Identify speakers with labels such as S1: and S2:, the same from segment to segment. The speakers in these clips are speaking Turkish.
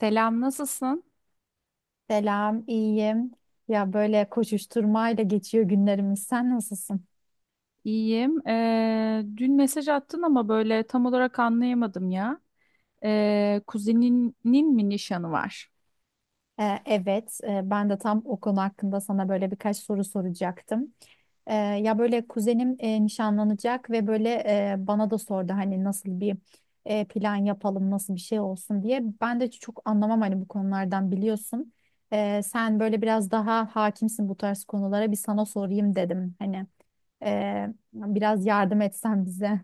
S1: Selam, nasılsın?
S2: Selam, iyiyim. Ya böyle koşuşturmayla geçiyor günlerimiz. Sen nasılsın?
S1: İyiyim. Dün mesaj attın ama böyle tam olarak anlayamadım ya. Kuzeninin mi nişanı var?
S2: Evet, ben de tam o konu hakkında sana böyle birkaç soru soracaktım. Ya böyle kuzenim nişanlanacak ve böyle bana da sordu hani nasıl bir plan yapalım, nasıl bir şey olsun diye. Ben de çok anlamam hani, bu konulardan biliyorsun. Sen böyle biraz daha hakimsin bu tarz konulara, bir sana sorayım dedim hani. Ee, Biraz yardım etsen bize.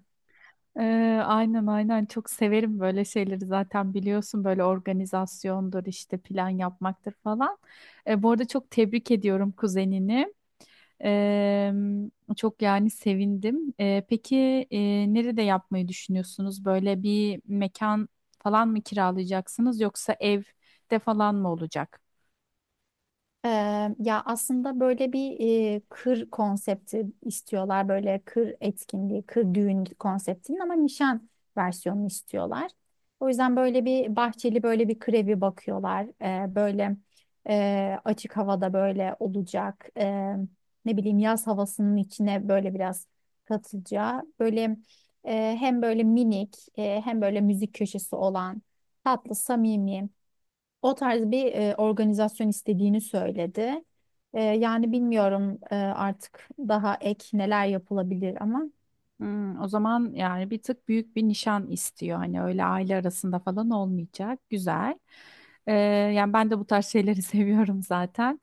S1: Ee, aynen aynen çok severim böyle şeyleri zaten biliyorsun böyle organizasyondur işte plan yapmaktır falan. Bu arada çok tebrik ediyorum kuzenini. Ee, Çok yani sevindim. Peki nerede yapmayı düşünüyorsunuz? Böyle bir mekan falan mı kiralayacaksınız yoksa evde falan mı olacak?
S2: Ya aslında böyle bir kır konsepti istiyorlar. Böyle kır etkinliği, kır düğün konseptinin ama nişan versiyonunu istiyorlar. O yüzden böyle bir bahçeli böyle bir kır evi bakıyorlar. Böyle açık havada böyle olacak. Ne bileyim, yaz havasının içine böyle biraz katılacağı. Böyle hem böyle minik hem böyle müzik köşesi olan, tatlı, samimi. O tarz bir organizasyon istediğini söyledi. Yani bilmiyorum, artık daha ek neler yapılabilir ama.
S1: Hmm, o zaman yani bir tık büyük bir nişan istiyor. Hani öyle aile arasında falan olmayacak. Güzel. Ee, Yani ben de bu tarz şeyleri seviyorum zaten.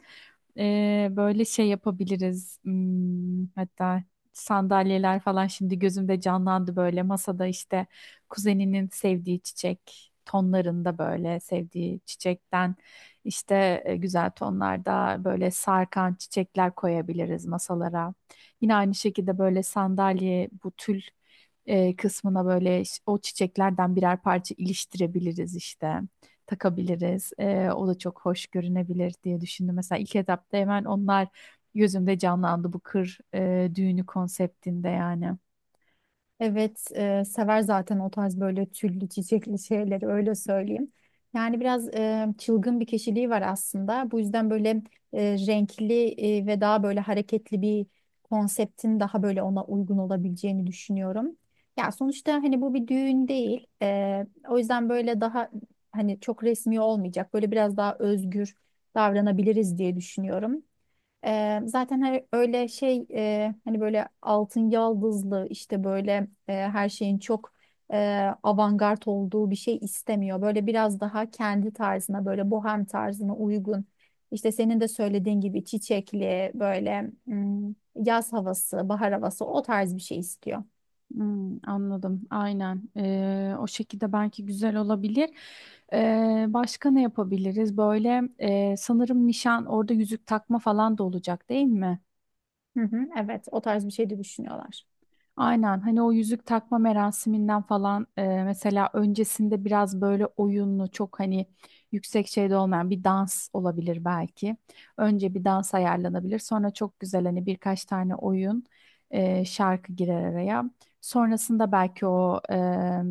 S1: Böyle şey yapabiliriz. Hmm, hatta sandalyeler falan şimdi gözümde canlandı böyle. Masada işte kuzeninin sevdiği çiçek tonlarında böyle sevdiği çiçekten işte güzel tonlarda böyle sarkan çiçekler koyabiliriz masalara. Yine aynı şekilde böyle sandalye bu tül kısmına böyle o çiçeklerden birer parça iliştirebiliriz işte. Takabiliriz. O da çok hoş görünebilir diye düşündüm. Mesela ilk etapta hemen onlar gözümde canlandı bu kır düğünü konseptinde yani.
S2: Evet, sever zaten o tarz böyle tüllü çiçekli şeyleri, öyle söyleyeyim. Yani biraz çılgın bir kişiliği var aslında. Bu yüzden böyle renkli ve daha böyle hareketli bir konseptin daha böyle ona uygun olabileceğini düşünüyorum. Ya sonuçta hani bu bir düğün değil. O yüzden böyle daha hani çok resmi olmayacak. Böyle biraz daha özgür davranabiliriz diye düşünüyorum. Zaten hani öyle şey, hani böyle altın yaldızlı işte, böyle her şeyin çok avantgard olduğu bir şey istemiyor. Böyle biraz daha kendi tarzına, böyle bohem tarzına uygun. İşte senin de söylediğin gibi çiçekli böyle, yaz havası, bahar havası, o tarz bir şey istiyor.
S1: Hmm, anladım. Aynen. O şekilde belki güzel olabilir. Başka ne yapabiliriz? Böyle sanırım nişan orada yüzük takma falan da olacak değil mi?
S2: Hı hı, evet, o tarz bir şey de düşünüyorlar.
S1: Aynen hani o yüzük takma merasiminden falan mesela öncesinde biraz böyle oyunlu çok hani yüksek şeyde olmayan bir dans olabilir belki. Önce bir dans ayarlanabilir sonra çok güzel hani birkaç tane oyun şarkı girer araya. Sonrasında belki o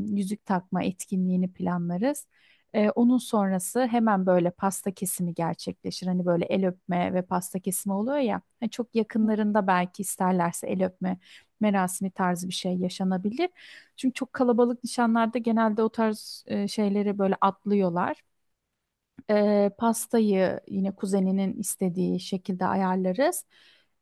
S1: yüzük takma etkinliğini planlarız. Onun sonrası hemen böyle pasta kesimi gerçekleşir. Hani böyle el öpme ve pasta kesimi oluyor ya. Hani çok yakınlarında belki isterlerse el öpme merasimi tarzı bir şey yaşanabilir. Çünkü çok kalabalık nişanlarda genelde o tarz şeyleri böyle atlıyorlar. Pastayı yine kuzeninin istediği şekilde ayarlarız.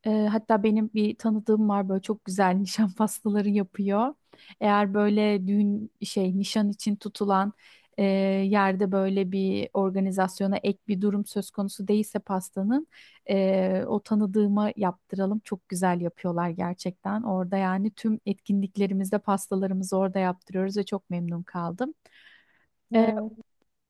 S1: Hatta benim bir tanıdığım var böyle çok güzel nişan pastaları yapıyor. Eğer böyle düğün şey nişan için tutulan yerde böyle bir organizasyona ek bir durum söz konusu değilse pastanın o tanıdığıma yaptıralım. Çok güzel yapıyorlar gerçekten. Orada yani tüm etkinliklerimizde pastalarımızı orada yaptırıyoruz ve çok memnun kaldım.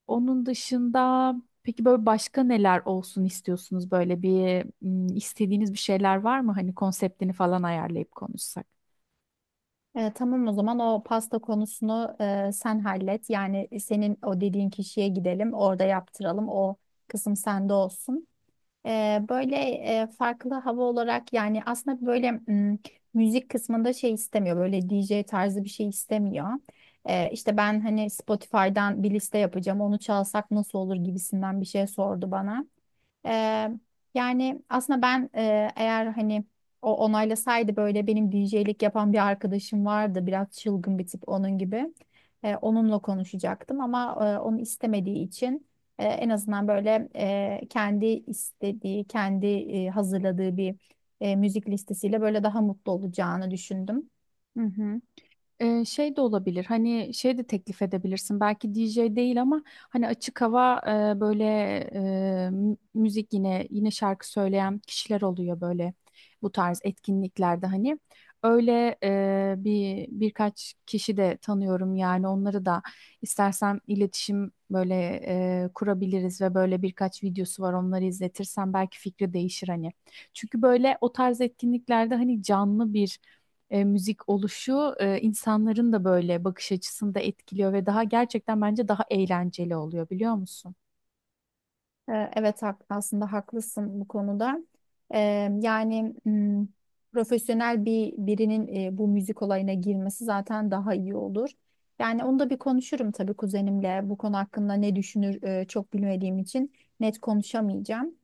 S1: Onun dışında peki böyle başka neler olsun istiyorsunuz? Böyle bir istediğiniz bir şeyler var mı? Hani konseptini falan ayarlayıp konuşsak.
S2: Tamam, o zaman o pasta konusunu sen hallet. Yani senin o dediğin kişiye gidelim, orada yaptıralım. O kısım sende olsun. Böyle farklı hava olarak, yani aslında böyle müzik kısmında şey istemiyor, böyle D J tarzı bir şey istemiyor. İşte ben hani Spotify'dan bir liste yapacağım. Onu çalsak nasıl olur gibisinden bir şey sordu bana. Eee, Yani aslında ben, eğer hani o onaylasaydı, böyle benim DJ'lik yapan bir arkadaşım vardı. Biraz çılgın bir tip, onun gibi. Onunla konuşacaktım ama onu istemediği için en azından böyle kendi istediği, kendi hazırladığı bir müzik listesiyle böyle daha mutlu olacağını düşündüm.
S1: Hı hı. Şey de olabilir hani şey de teklif edebilirsin belki DJ değil ama hani açık hava böyle e, müzik yine şarkı söyleyen kişiler oluyor böyle bu tarz etkinliklerde hani öyle bir birkaç kişi de tanıyorum yani onları da istersen iletişim böyle kurabiliriz ve böyle birkaç videosu var onları izletirsen belki fikri değişir hani çünkü böyle o tarz etkinliklerde hani canlı bir müzik oluşu insanların da böyle bakış açısını da etkiliyor ve daha gerçekten bence daha eğlenceli oluyor biliyor musun?
S2: Evet, aslında haklısın bu konuda. Ee, Yani profesyonel bir birinin bu müzik olayına girmesi zaten daha iyi olur. Yani onu da bir konuşurum tabii kuzenimle. Bu konu hakkında ne düşünür, çok bilmediğim için net konuşamayacağım.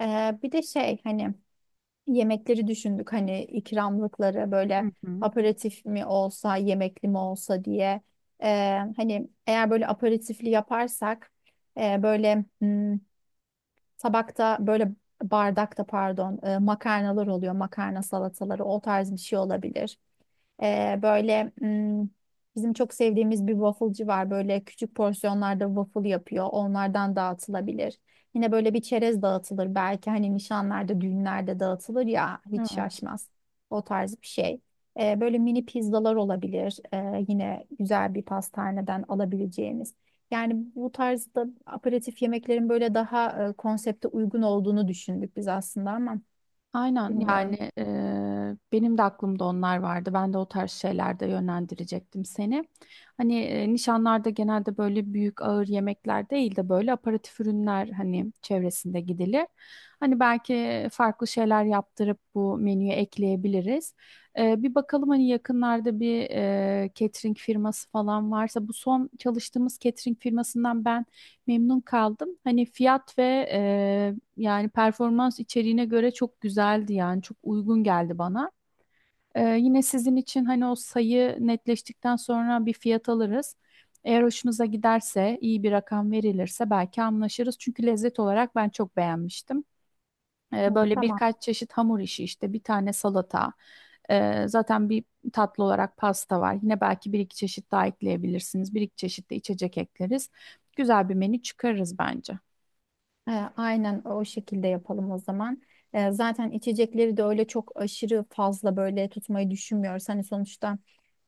S2: Bir de şey, hani yemekleri düşündük, hani ikramlıkları
S1: Hı
S2: böyle
S1: hı.
S2: aperatif mi olsa, yemekli mi olsa diye. Hani eğer böyle aperatifli yaparsak, böyle... tabakta böyle, bardakta pardon, makarnalar oluyor. Makarna salataları, o tarz bir şey olabilir. Böyle bizim çok sevdiğimiz bir wafflecı var. Böyle küçük porsiyonlarda waffle yapıyor. Onlardan dağıtılabilir. Yine böyle bir çerez dağıtılır. Belki hani nişanlarda, düğünlerde dağıtılır ya, hiç
S1: Evet.
S2: şaşmaz. O tarz bir şey. Böyle mini pizzalar olabilir. Yine güzel bir pastaneden alabileceğimiz. Yani bu tarzda aperatif yemeklerin böyle daha konsepte uygun olduğunu düşündük biz aslında, ama
S1: Aynen yani
S2: bilmiyorum.
S1: benim de aklımda onlar vardı. Ben de o tarz şeylerde yönlendirecektim seni. Hani nişanlarda genelde böyle büyük ağır yemekler değil de böyle aperatif ürünler hani çevresinde gidilir. Hani belki farklı şeyler yaptırıp bu menüye ekleyebiliriz. Bir bakalım hani yakınlarda bir catering firması falan varsa bu son çalıştığımız catering firmasından ben memnun kaldım. Hani fiyat ve yani performans içeriğine göre çok güzeldi yani çok uygun geldi bana. Yine sizin için hani o sayı netleştikten sonra bir fiyat alırız. Eğer hoşunuza giderse iyi bir rakam verilirse belki anlaşırız. Çünkü lezzet olarak ben çok beğenmiştim.
S2: Hı,
S1: Böyle
S2: tamam.
S1: birkaç çeşit hamur işi işte bir tane salata. Zaten bir tatlı olarak pasta var. Yine belki bir iki çeşit daha ekleyebilirsiniz. Bir iki çeşit de içecek ekleriz. Güzel bir menü çıkarırız bence.
S2: E, aynen o şekilde yapalım o zaman. Zaten içecekleri de öyle çok aşırı fazla böyle tutmayı düşünmüyoruz. Hani sonuçta,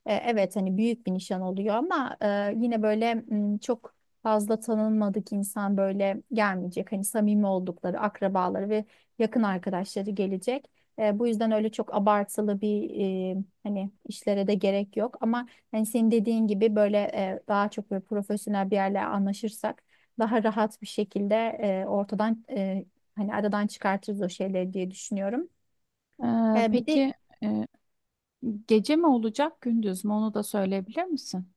S2: evet hani büyük bir nişan oluyor ama yine böyle çok fazla tanınmadık insan böyle gelmeyecek. Hani samimi oldukları akrabaları ve yakın arkadaşları gelecek. Bu yüzden öyle çok abartılı bir hani işlere de gerek yok. Ama hani senin dediğin gibi böyle daha çok böyle profesyonel bir yerle anlaşırsak, daha rahat bir şekilde ortadan, hani aradan çıkartırız o şeyleri diye düşünüyorum. Bir de,
S1: Peki e, gece mi olacak gündüz mü onu da söyleyebilir misin?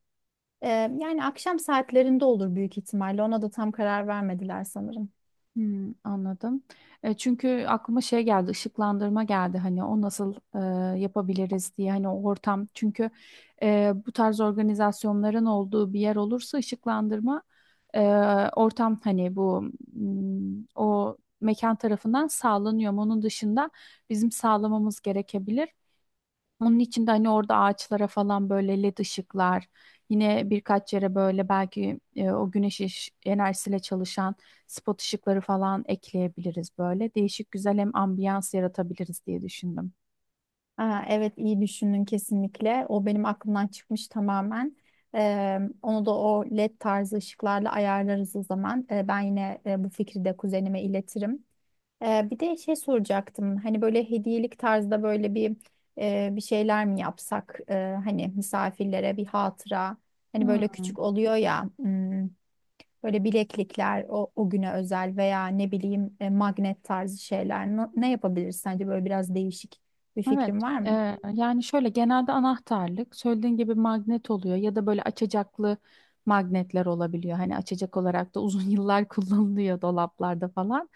S2: Ee, yani akşam saatlerinde olur büyük ihtimalle. Ona da tam karar vermediler sanırım.
S1: Hmm, anladım. Çünkü aklıma şey geldi ışıklandırma geldi hani o nasıl yapabiliriz diye hani o ortam çünkü bu tarz organizasyonların olduğu bir yer olursa ışıklandırma e, ortam hani bu, o mekan tarafından sağlanıyor. Ama onun dışında bizim sağlamamız gerekebilir. Onun içinde de hani orada ağaçlara falan böyle led ışıklar, yine birkaç yere böyle belki o güneş enerjisiyle çalışan spot ışıkları falan ekleyebiliriz böyle. Değişik güzel hem ambiyans yaratabiliriz diye düşündüm.
S2: Aa, evet, iyi düşündün kesinlikle. O benim aklımdan çıkmış tamamen. Onu da o LED tarzı ışıklarla ayarlarız o zaman. Ben yine bu fikri de kuzenime iletirim. Bir de şey soracaktım. Hani böyle hediyelik tarzda böyle bir şeyler mi yapsak? Hani misafirlere bir hatıra. Hani böyle küçük oluyor ya. Böyle bileklikler, o güne özel, veya ne bileyim, magnet tarzı şeyler. Ne yapabiliriz sence, böyle biraz değişik bir
S1: Evet,
S2: fikrin var mı?
S1: e, yani şöyle genelde anahtarlık söylediğin gibi magnet oluyor ya da böyle açacaklı magnetler olabiliyor. Hani açacak olarak da uzun yıllar kullanılıyor dolaplarda falan.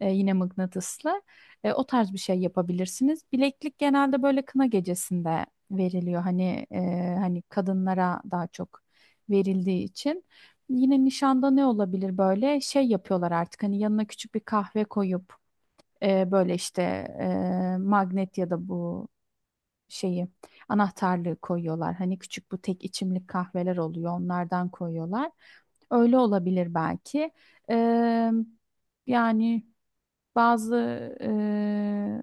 S1: Yine mıknatıslı. O tarz bir şey yapabilirsiniz. Bileklik genelde böyle kına gecesinde veriliyor. Hani hani kadınlara daha çok verildiği için. Yine nişanda ne olabilir böyle şey yapıyorlar artık hani yanına küçük bir kahve koyup böyle işte magnet ya da bu şeyi anahtarlığı koyuyorlar. Hani küçük bu tek içimlik kahveler oluyor onlardan koyuyorlar. Öyle olabilir belki. Ee, Yani bazı eee,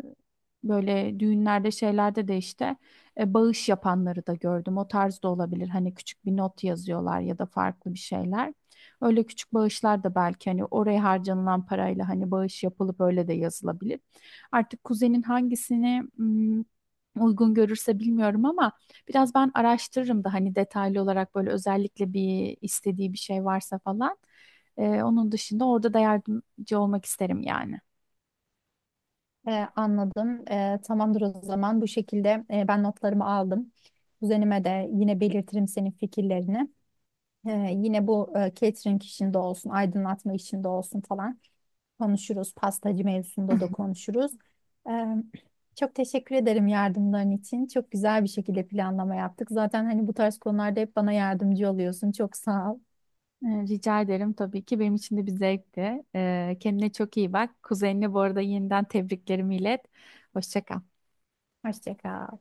S1: böyle düğünlerde şeylerde de işte bağış yapanları da gördüm. O tarz da olabilir. Hani küçük bir not yazıyorlar ya da farklı bir şeyler. Öyle küçük bağışlar da belki hani oraya harcanılan parayla hani bağış yapılıp öyle de yazılabilir. Artık kuzenin hangisini hmm, uygun görürse bilmiyorum ama biraz ben araştırırım da hani detaylı olarak böyle özellikle bir istediği bir şey varsa falan. Onun dışında orada da yardımcı olmak isterim yani.
S2: Anladım. Tamamdır o zaman. Bu şekilde ben notlarımı aldım. Kuzenime de yine belirtirim senin fikirlerini. Yine bu catering işinde olsun, aydınlatma işinde olsun falan konuşuruz. Pastacı mevzusunda da konuşuruz. Ee, Çok teşekkür ederim yardımların için. Çok güzel bir şekilde planlama yaptık. Zaten hani bu tarz konularda hep bana yardımcı oluyorsun. Çok sağ ol.
S1: Rica ederim tabii ki. Benim için de bir zevkti. Kendine çok iyi bak. Kuzenine bu arada yeniden tebriklerimi ilet. Hoşça kal.
S2: Hoşça kal.